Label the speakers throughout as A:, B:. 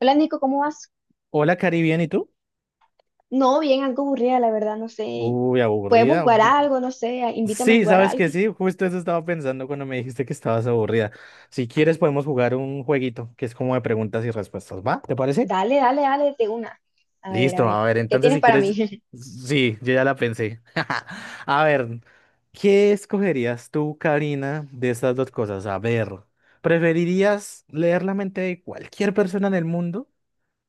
A: Hola, Nico, ¿cómo vas?
B: Hola, Cari, ¿bien? ¿Y tú?
A: No, bien, algo aburrida, la verdad, no sé.
B: Uy,
A: ¿Podemos
B: aburrida.
A: jugar algo? No sé, invítame a
B: Sí,
A: jugar
B: sabes
A: algo.
B: que sí, justo eso estaba pensando cuando me dijiste que estabas aburrida. Si quieres, podemos jugar un jueguito que es como de preguntas y respuestas, ¿va? ¿Te parece?
A: Dale, dale, dale, de una. A
B: Listo,
A: ver,
B: a ver,
A: ¿qué
B: entonces
A: tienes
B: si
A: para mí?
B: quieres. Sí, yo ya la pensé. A ver, ¿qué escogerías tú, Karina, de estas dos cosas? A ver, ¿preferirías leer la mente de cualquier persona en el mundo,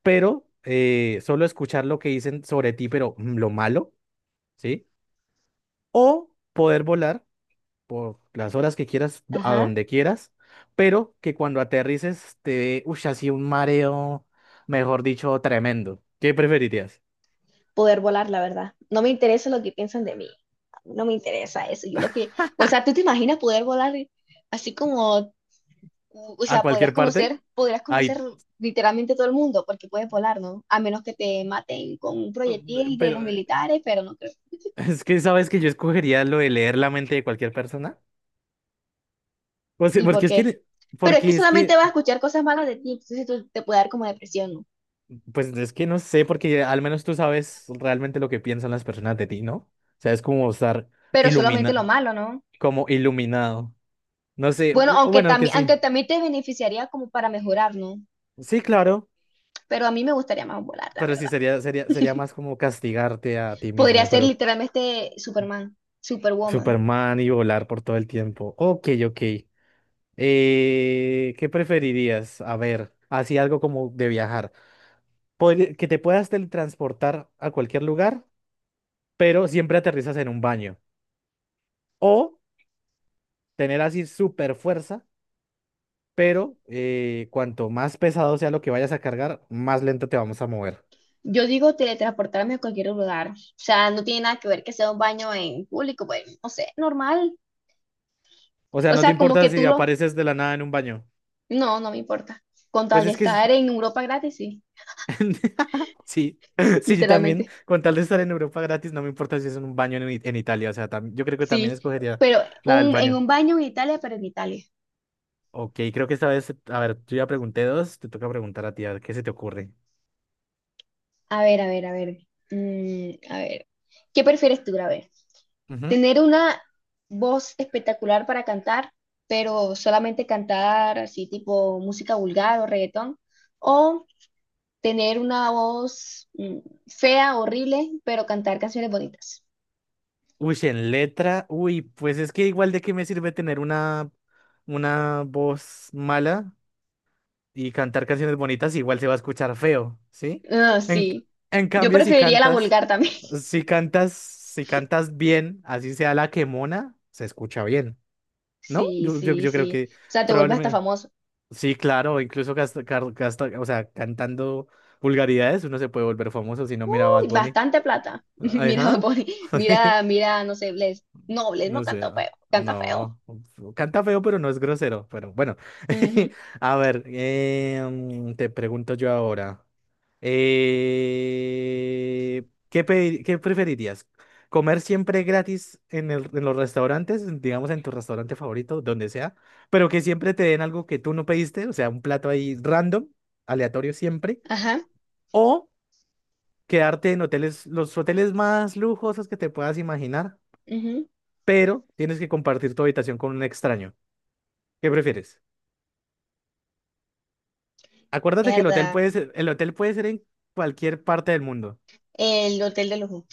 B: pero solo escuchar lo que dicen sobre ti, pero lo malo? ¿Sí? ¿O poder volar por las horas que quieras, a
A: Ajá,
B: donde quieras, pero que cuando aterrices te dé, uy, así un mareo, mejor dicho, tremendo? ¿Qué preferirías?
A: poder volar, la verdad. No me interesa lo que piensan de mí. No me interesa eso. O sea, ¿tú te imaginas poder volar así como, o
B: ¿A
A: sea,
B: cualquier parte?
A: podrías conocer
B: Ay,
A: literalmente todo el mundo porque puedes volar, ¿no? A menos que te maten con un proyectil de los
B: pero
A: militares, pero no creo.
B: es que sabes que yo escogería lo de leer la mente de cualquier persona. O sea,
A: ¿Y por
B: porque es
A: qué?
B: que,
A: Pero es que
B: porque es
A: solamente
B: que,
A: vas a escuchar cosas malas de ti, entonces tú te puede dar como depresión, ¿no?
B: pues es que no sé, porque al menos tú sabes realmente lo que piensan las personas de ti, ¿no? O sea, es como estar
A: Pero solamente lo
B: ilumina,
A: malo, ¿no?
B: como iluminado. No sé,
A: Bueno,
B: bueno, que sí.
A: aunque también te beneficiaría como para mejorar, ¿no?
B: Sí, claro,
A: Pero a mí me gustaría más volar, la
B: pero sí
A: verdad.
B: sería más como castigarte a ti
A: Podría
B: mismo,
A: ser
B: pero
A: literalmente este Superman, Superwoman.
B: Superman y volar por todo el tiempo. Ok, ok. ¿Qué preferirías? A ver, así algo como de viajar. Que te puedas teletransportar a cualquier lugar, pero siempre aterrizas en un baño. O tener así super fuerza, pero cuanto más pesado sea lo que vayas a cargar, más lento te vamos a mover.
A: Yo digo teletransportarme a cualquier lugar. O sea, no tiene nada que ver que sea un baño en público, pues, no sé, normal.
B: O sea,
A: O
B: no te
A: sea, como
B: importa
A: que
B: si
A: tú lo...
B: apareces de la nada en un baño.
A: No, no me importa. Con tal
B: Pues
A: de
B: es que
A: estar en Europa gratis, sí,
B: sí, sí, yo también,
A: literalmente.
B: con tal de estar en Europa gratis, no me importa si es en un baño en, en Italia. O sea, yo creo que también
A: Sí,
B: escogería
A: pero
B: la del
A: en
B: baño.
A: un baño en Italia, pero en Italia.
B: Ok, creo que esta vez, a ver, yo ya pregunté dos, te toca preguntar a ti, a ver qué se te ocurre.
A: A ver, a ver, a ver. A ver. ¿Qué prefieres tú? A ver,
B: Ujú.
A: ¿tener una voz espectacular para cantar, pero solamente cantar así tipo música vulgar o reggaetón? ¿O tener una voz fea, horrible, pero cantar canciones bonitas?
B: Uy, si en letra, uy, pues es que igual de qué me sirve tener una voz mala y cantar canciones bonitas, igual se va a escuchar feo, ¿sí?
A: Ah,
B: En,
A: sí.
B: en
A: Yo
B: cambio,
A: preferiría la vulgar también.
B: si cantas bien, así sea la que mona, se escucha bien, ¿no?
A: Sí, sí,
B: Yo creo
A: sí. O
B: que
A: sea, te vuelves hasta
B: probablemente,
A: famoso.
B: sí, claro, incluso o sea, cantando vulgaridades uno se puede volver famoso si no mira a Bad Bunny.
A: Bastante plata. Mira,
B: Ajá.
A: Bad Bunny. Mira,
B: Sí.
A: mira, no sé, Bless. No, Bless no
B: No sé,
A: canta
B: ah,
A: feo, canta feo.
B: no, canta feo, pero no es grosero, pero bueno,
A: Ujú.
B: a ver, te pregunto yo ahora. Eh, ¿qué preferirías? ¿Comer siempre gratis en en los restaurantes, digamos en tu restaurante favorito, donde sea, pero que siempre te den algo que tú no pediste, o sea, un plato ahí random, aleatorio siempre,
A: Ajá.
B: o quedarte en hoteles, los hoteles más lujosos que te puedas imaginar,
A: Ujú.
B: pero tienes que compartir tu habitación con un extraño? ¿Qué prefieres? Acuérdate que
A: Mierda.
B: el hotel puede ser en cualquier parte del mundo.
A: El hotel de lujo.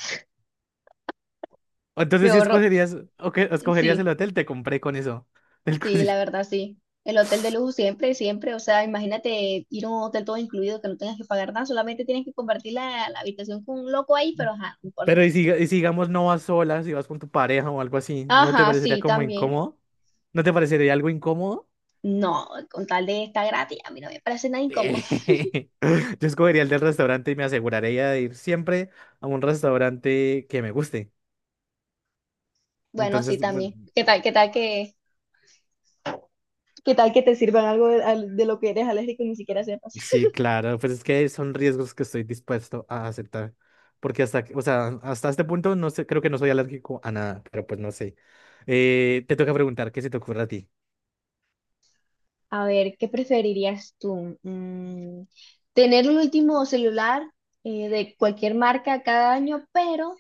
A: Me
B: Entonces, si
A: ahorro.
B: escogerías, o que escogerías el
A: Sí,
B: hotel, te compré con eso. del
A: sí, la
B: cosi-
A: verdad, sí. El hotel de lujo siempre, siempre. O sea, imagínate ir a un hotel todo incluido que no tengas que pagar nada, solamente tienes que compartir la habitación con un loco ahí, pero ajá, no importa.
B: Pero y si, digamos, no vas sola, si vas con tu pareja o algo así, ¿no te
A: Ajá,
B: parecería
A: sí,
B: como
A: también.
B: incómodo? ¿No te parecería algo incómodo?
A: No, con tal de estar gratis, a mí no me parece nada incómodo.
B: Yo escogería el del restaurante y me aseguraría de ir siempre a un restaurante que me guste.
A: Bueno, sí,
B: Entonces, bueno,
A: también. Qué tal que ¿qué tal que te sirvan algo de, de lo que eres alérgico y ni siquiera sepas?
B: sí, claro, pues es que son riesgos que estoy dispuesto a aceptar, porque hasta, o sea, hasta este punto no sé, creo que no soy alérgico a nada, pero pues no sé. Te toca preguntar, ¿qué se te ocurre a ti?
A: A ver, ¿qué preferirías tú? Mm, tener el último celular de cualquier marca cada año, pero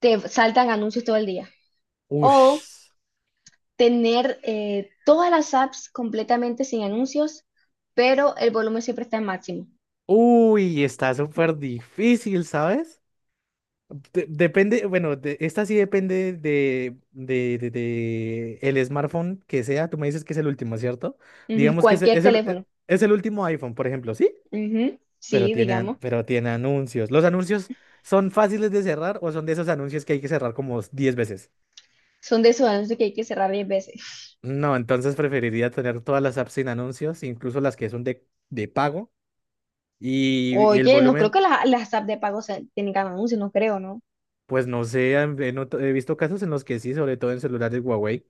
A: te saltan anuncios todo el día. O
B: Ush.
A: tener todas las apps completamente sin anuncios, pero el volumen siempre está en máximo.
B: Uy, está súper difícil, ¿sabes? Depende, bueno, esta sí depende de el smartphone que sea, tú me dices que es el último, ¿cierto?
A: Ujú,
B: Digamos que
A: cualquier
B: es
A: teléfono.
B: es el último iPhone, por ejemplo, ¿sí?
A: Ujú,
B: pero
A: sí,
B: tiene,
A: digamos.
B: pero tiene anuncios. ¿Los anuncios son fáciles de cerrar o son de esos anuncios que hay que cerrar como 10 veces?
A: Son de esos anuncios que hay que cerrar 10 veces.
B: No, entonces preferiría tener todas las apps sin anuncios, incluso las que son de pago. Y el
A: Oye, no creo
B: volumen,
A: que las apps de pago tengan anuncios, no creo, ¿no?
B: pues no sé, he visto casos en los que sí, sobre todo en celulares Huawei.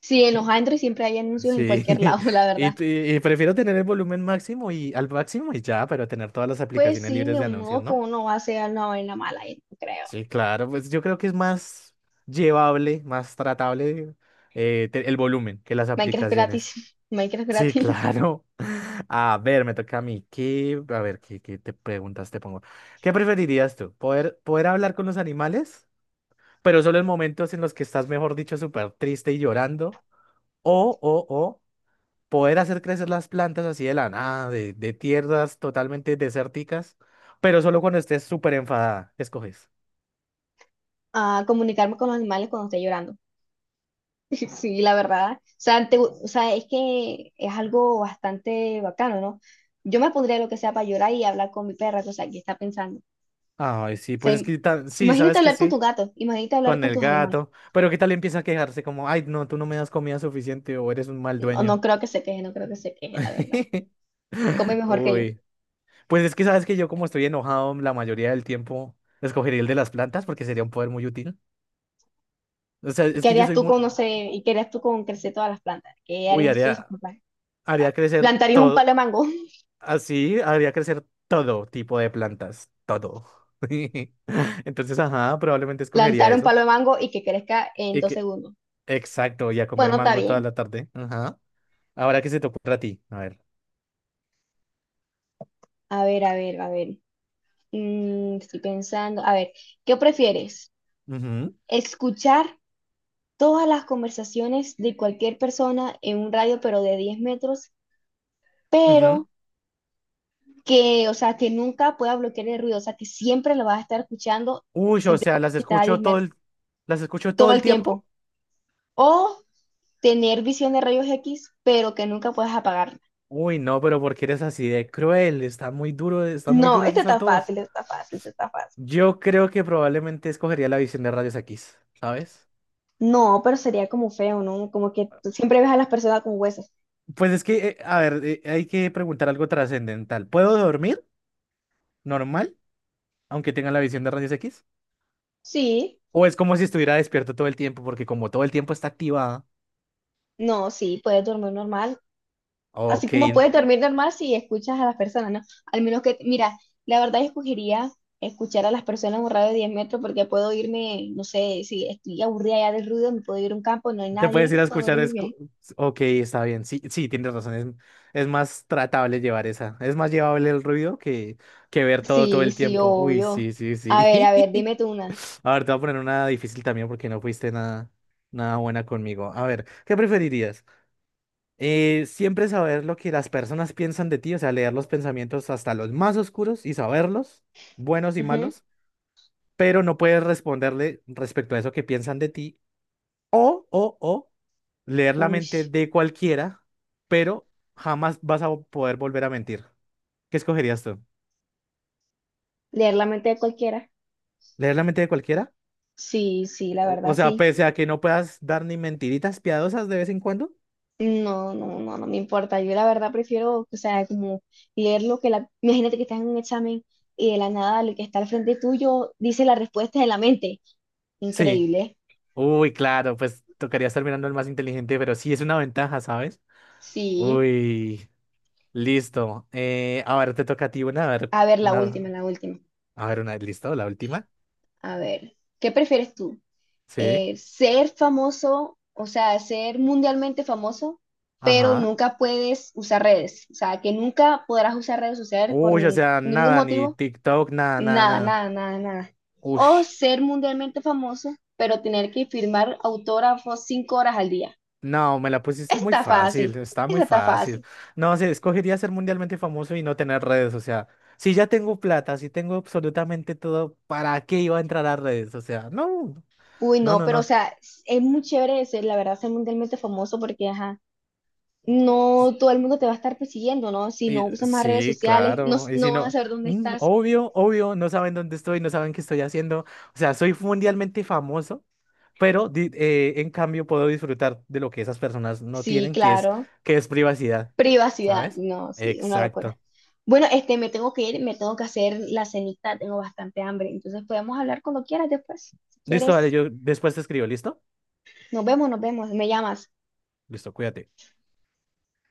A: Sí, en los Android siempre hay anuncios en
B: Sí,
A: cualquier lado, la
B: y,
A: verdad.
B: t- y prefiero tener el volumen máximo y al máximo y ya, pero tener todas las
A: Pues
B: aplicaciones
A: sí,
B: libres
A: ni
B: de anuncios,
A: modo que
B: ¿no?
A: uno va a hacer una vaina mala, yo no creo.
B: Sí, claro, pues yo creo que es más llevable, más tratable el volumen que las
A: Minecraft gratis,
B: aplicaciones.
A: Minecraft
B: Sí,
A: gratis.
B: claro. A ver, me toca a mí. A ver, ¿qué te preguntas te pongo? ¿Qué preferirías tú? ¿Poder hablar con los animales, pero solo en momentos en los que estás, mejor dicho, súper triste y llorando? ¿O poder hacer crecer las plantas así de la nada, de tierras totalmente desérticas, pero solo cuando estés súper enfadada? ¿Qué escoges?
A: A comunicarme con los animales cuando esté llorando. Sí, la verdad. O sea, o sea, es que es algo bastante bacano, ¿no? Yo me pondría lo que sea para llorar y hablar con mi perra, o sea, que está pensando. O
B: Ay, sí,
A: sea,
B: pues es que sí,
A: imagínate
B: sabes que
A: hablar con tu
B: sí,
A: gato, imagínate hablar
B: con
A: con
B: el
A: tus animales.
B: gato. Pero ¿qué tal empieza a quejarse como, ay, no, tú no me das comida suficiente o eres un mal
A: No, no
B: dueño?
A: creo que se queje, no creo que se queje, la verdad. Come mejor que yo.
B: Uy, pues es que sabes que yo, como estoy enojado la mayoría del tiempo, escogería el de las plantas porque sería un poder muy útil. O sea,
A: ¿Y
B: es
A: qué
B: que yo
A: harías
B: soy
A: tú
B: muy...
A: con, no sé, y qué harías tú con crecer todas las plantas? ¿Qué
B: Uy,
A: harías tú de esos papás?
B: haría crecer
A: Plantarías un
B: todo,
A: palo de mango,
B: así, haría crecer todo tipo de plantas, todo. Entonces, ajá, probablemente escogería
A: plantar un
B: eso.
A: palo de mango y que crezca en
B: Y
A: dos
B: que,
A: segundos.
B: exacto, y a comer
A: Bueno, está
B: mango toda
A: bien.
B: la tarde. Ajá. Ahora que se te ocurra a ti. A ver.
A: A ver, a ver, a ver. Mm, estoy pensando. A ver, ¿qué prefieres?
B: Ujú.
A: ¿Escuchar todas las conversaciones de cualquier persona en un radio, pero de 10 metros,
B: Ujú.
A: pero que, o sea, que nunca pueda bloquear el ruido, o sea, que siempre lo vas a estar escuchando,
B: Uy, o
A: siempre
B: sea,
A: está a 10 metros,
B: las escucho
A: todo
B: todo el
A: el
B: tiempo.
A: tiempo? O tener visión de rayos X, pero que nunca puedas apagarla.
B: Uy, no, ¿pero porque eres así de cruel? Está muy duro, están muy
A: No,
B: duras
A: este
B: esas
A: está
B: dos.
A: fácil, este está fácil, este está fácil.
B: Yo creo que probablemente escogería la visión de rayos X, ¿sabes?
A: No, pero sería como feo, ¿no? Como que tú siempre ves a las personas con huesos.
B: Pues es que, a ver, hay que preguntar algo trascendental. ¿Puedo dormir normal, aunque tenga la visión de rayos X?
A: Sí,
B: ¿O es como si estuviera despierto todo el tiempo, porque como todo el tiempo está activada?
A: no, sí, puedes dormir normal. Así
B: Ok,
A: como puedes dormir normal si escuchas a las personas, ¿no? Al menos que, mira, la verdad yo escogería escuchar a las personas en un radio de 10 metros porque puedo irme, no sé, si estoy aburrida ya del ruido, me puedo ir a un campo, no hay
B: te
A: nadie
B: puedes ir
A: y
B: a
A: puedo
B: escuchar.
A: dormir bien.
B: Ok, está bien. Sí, sí, tienes razón. Es más tratable llevar esa. Es más llevable el ruido que ver todo todo
A: Sí,
B: el
A: sí,
B: tiempo. Uy,
A: obvio.
B: sí, sí,
A: A ver,
B: sí.
A: dime tú una.
B: A ver, te voy a poner una difícil también porque no fuiste nada, nada buena conmigo. A ver, ¿qué preferirías? Siempre saber lo que las personas piensan de ti, o sea, leer los pensamientos hasta los más oscuros y saberlos, buenos y
A: Ujú.
B: malos, pero no puedes responderle respecto a eso que piensan de ti. O, o, o leer la mente
A: Ush.
B: de cualquiera, pero jamás vas a poder volver a mentir. ¿Qué escogerías tú?
A: Leer la mente de cualquiera.
B: ¿Leer la mente de cualquiera?
A: Sí, sí, la verdad
B: O sea,
A: sí.
B: pese a que no puedas dar ni mentiritas piadosas de vez en cuando.
A: No, no, no, no me importa. Yo la verdad prefiero, o sea, como leer lo que la... Imagínate que estás en un examen y de la nada lo que está al frente tuyo dice la respuesta de la mente.
B: Sí.
A: Increíble.
B: Uy, claro, pues tocaría estar mirando al más inteligente, pero sí es una ventaja, ¿sabes?
A: Sí.
B: Uy, listo. A ver, te toca a ti una,
A: A ver, la última, la última.
B: listo, la última.
A: A ver, ¿qué prefieres tú?
B: Sí.
A: Ser famoso, o sea, ser mundialmente famoso, pero
B: Ajá.
A: nunca puedes usar redes. O sea, que nunca podrás usar redes sociales por
B: Uy, o sea,
A: ningún
B: nada, ni
A: motivo.
B: TikTok, nada, nada,
A: Nada,
B: nada.
A: nada, nada, nada.
B: Uy.
A: O ser mundialmente famoso, pero tener que firmar autógrafos 5 horas al día.
B: No, me la pusiste
A: Esa
B: muy
A: está fácil,
B: fácil, está muy
A: esa está
B: fácil.
A: fácil.
B: No sé, escogería ser mundialmente famoso y no tener redes, o sea, si ya tengo plata, si tengo absolutamente todo, ¿para qué iba a entrar a redes? O sea, no,
A: Uy,
B: no,
A: no,
B: no,
A: pero o
B: no.
A: sea, es muy chévere de ser, la verdad, ser mundialmente famoso porque, ajá, no todo el mundo te va a estar persiguiendo, ¿no? Si
B: Y
A: no usas más redes
B: sí,
A: sociales, no,
B: claro, y si
A: no van a
B: no,
A: saber dónde
B: mm,
A: estás.
B: obvio, obvio, no saben dónde estoy, no saben qué estoy haciendo, o sea, soy mundialmente famoso, pero en cambio puedo disfrutar de lo que esas personas no
A: Sí,
B: tienen,
A: claro.
B: que es privacidad,
A: Privacidad,
B: ¿sabes?
A: no, sí, una locura.
B: Exacto.
A: Bueno, este, me tengo que ir, me tengo que hacer la cenita, tengo bastante hambre, entonces podemos hablar cuando quieras después, si
B: Listo, dale,
A: quieres.
B: yo después te escribo, ¿listo?
A: Nos vemos, nos vemos. Me llamas.
B: Listo, cuídate.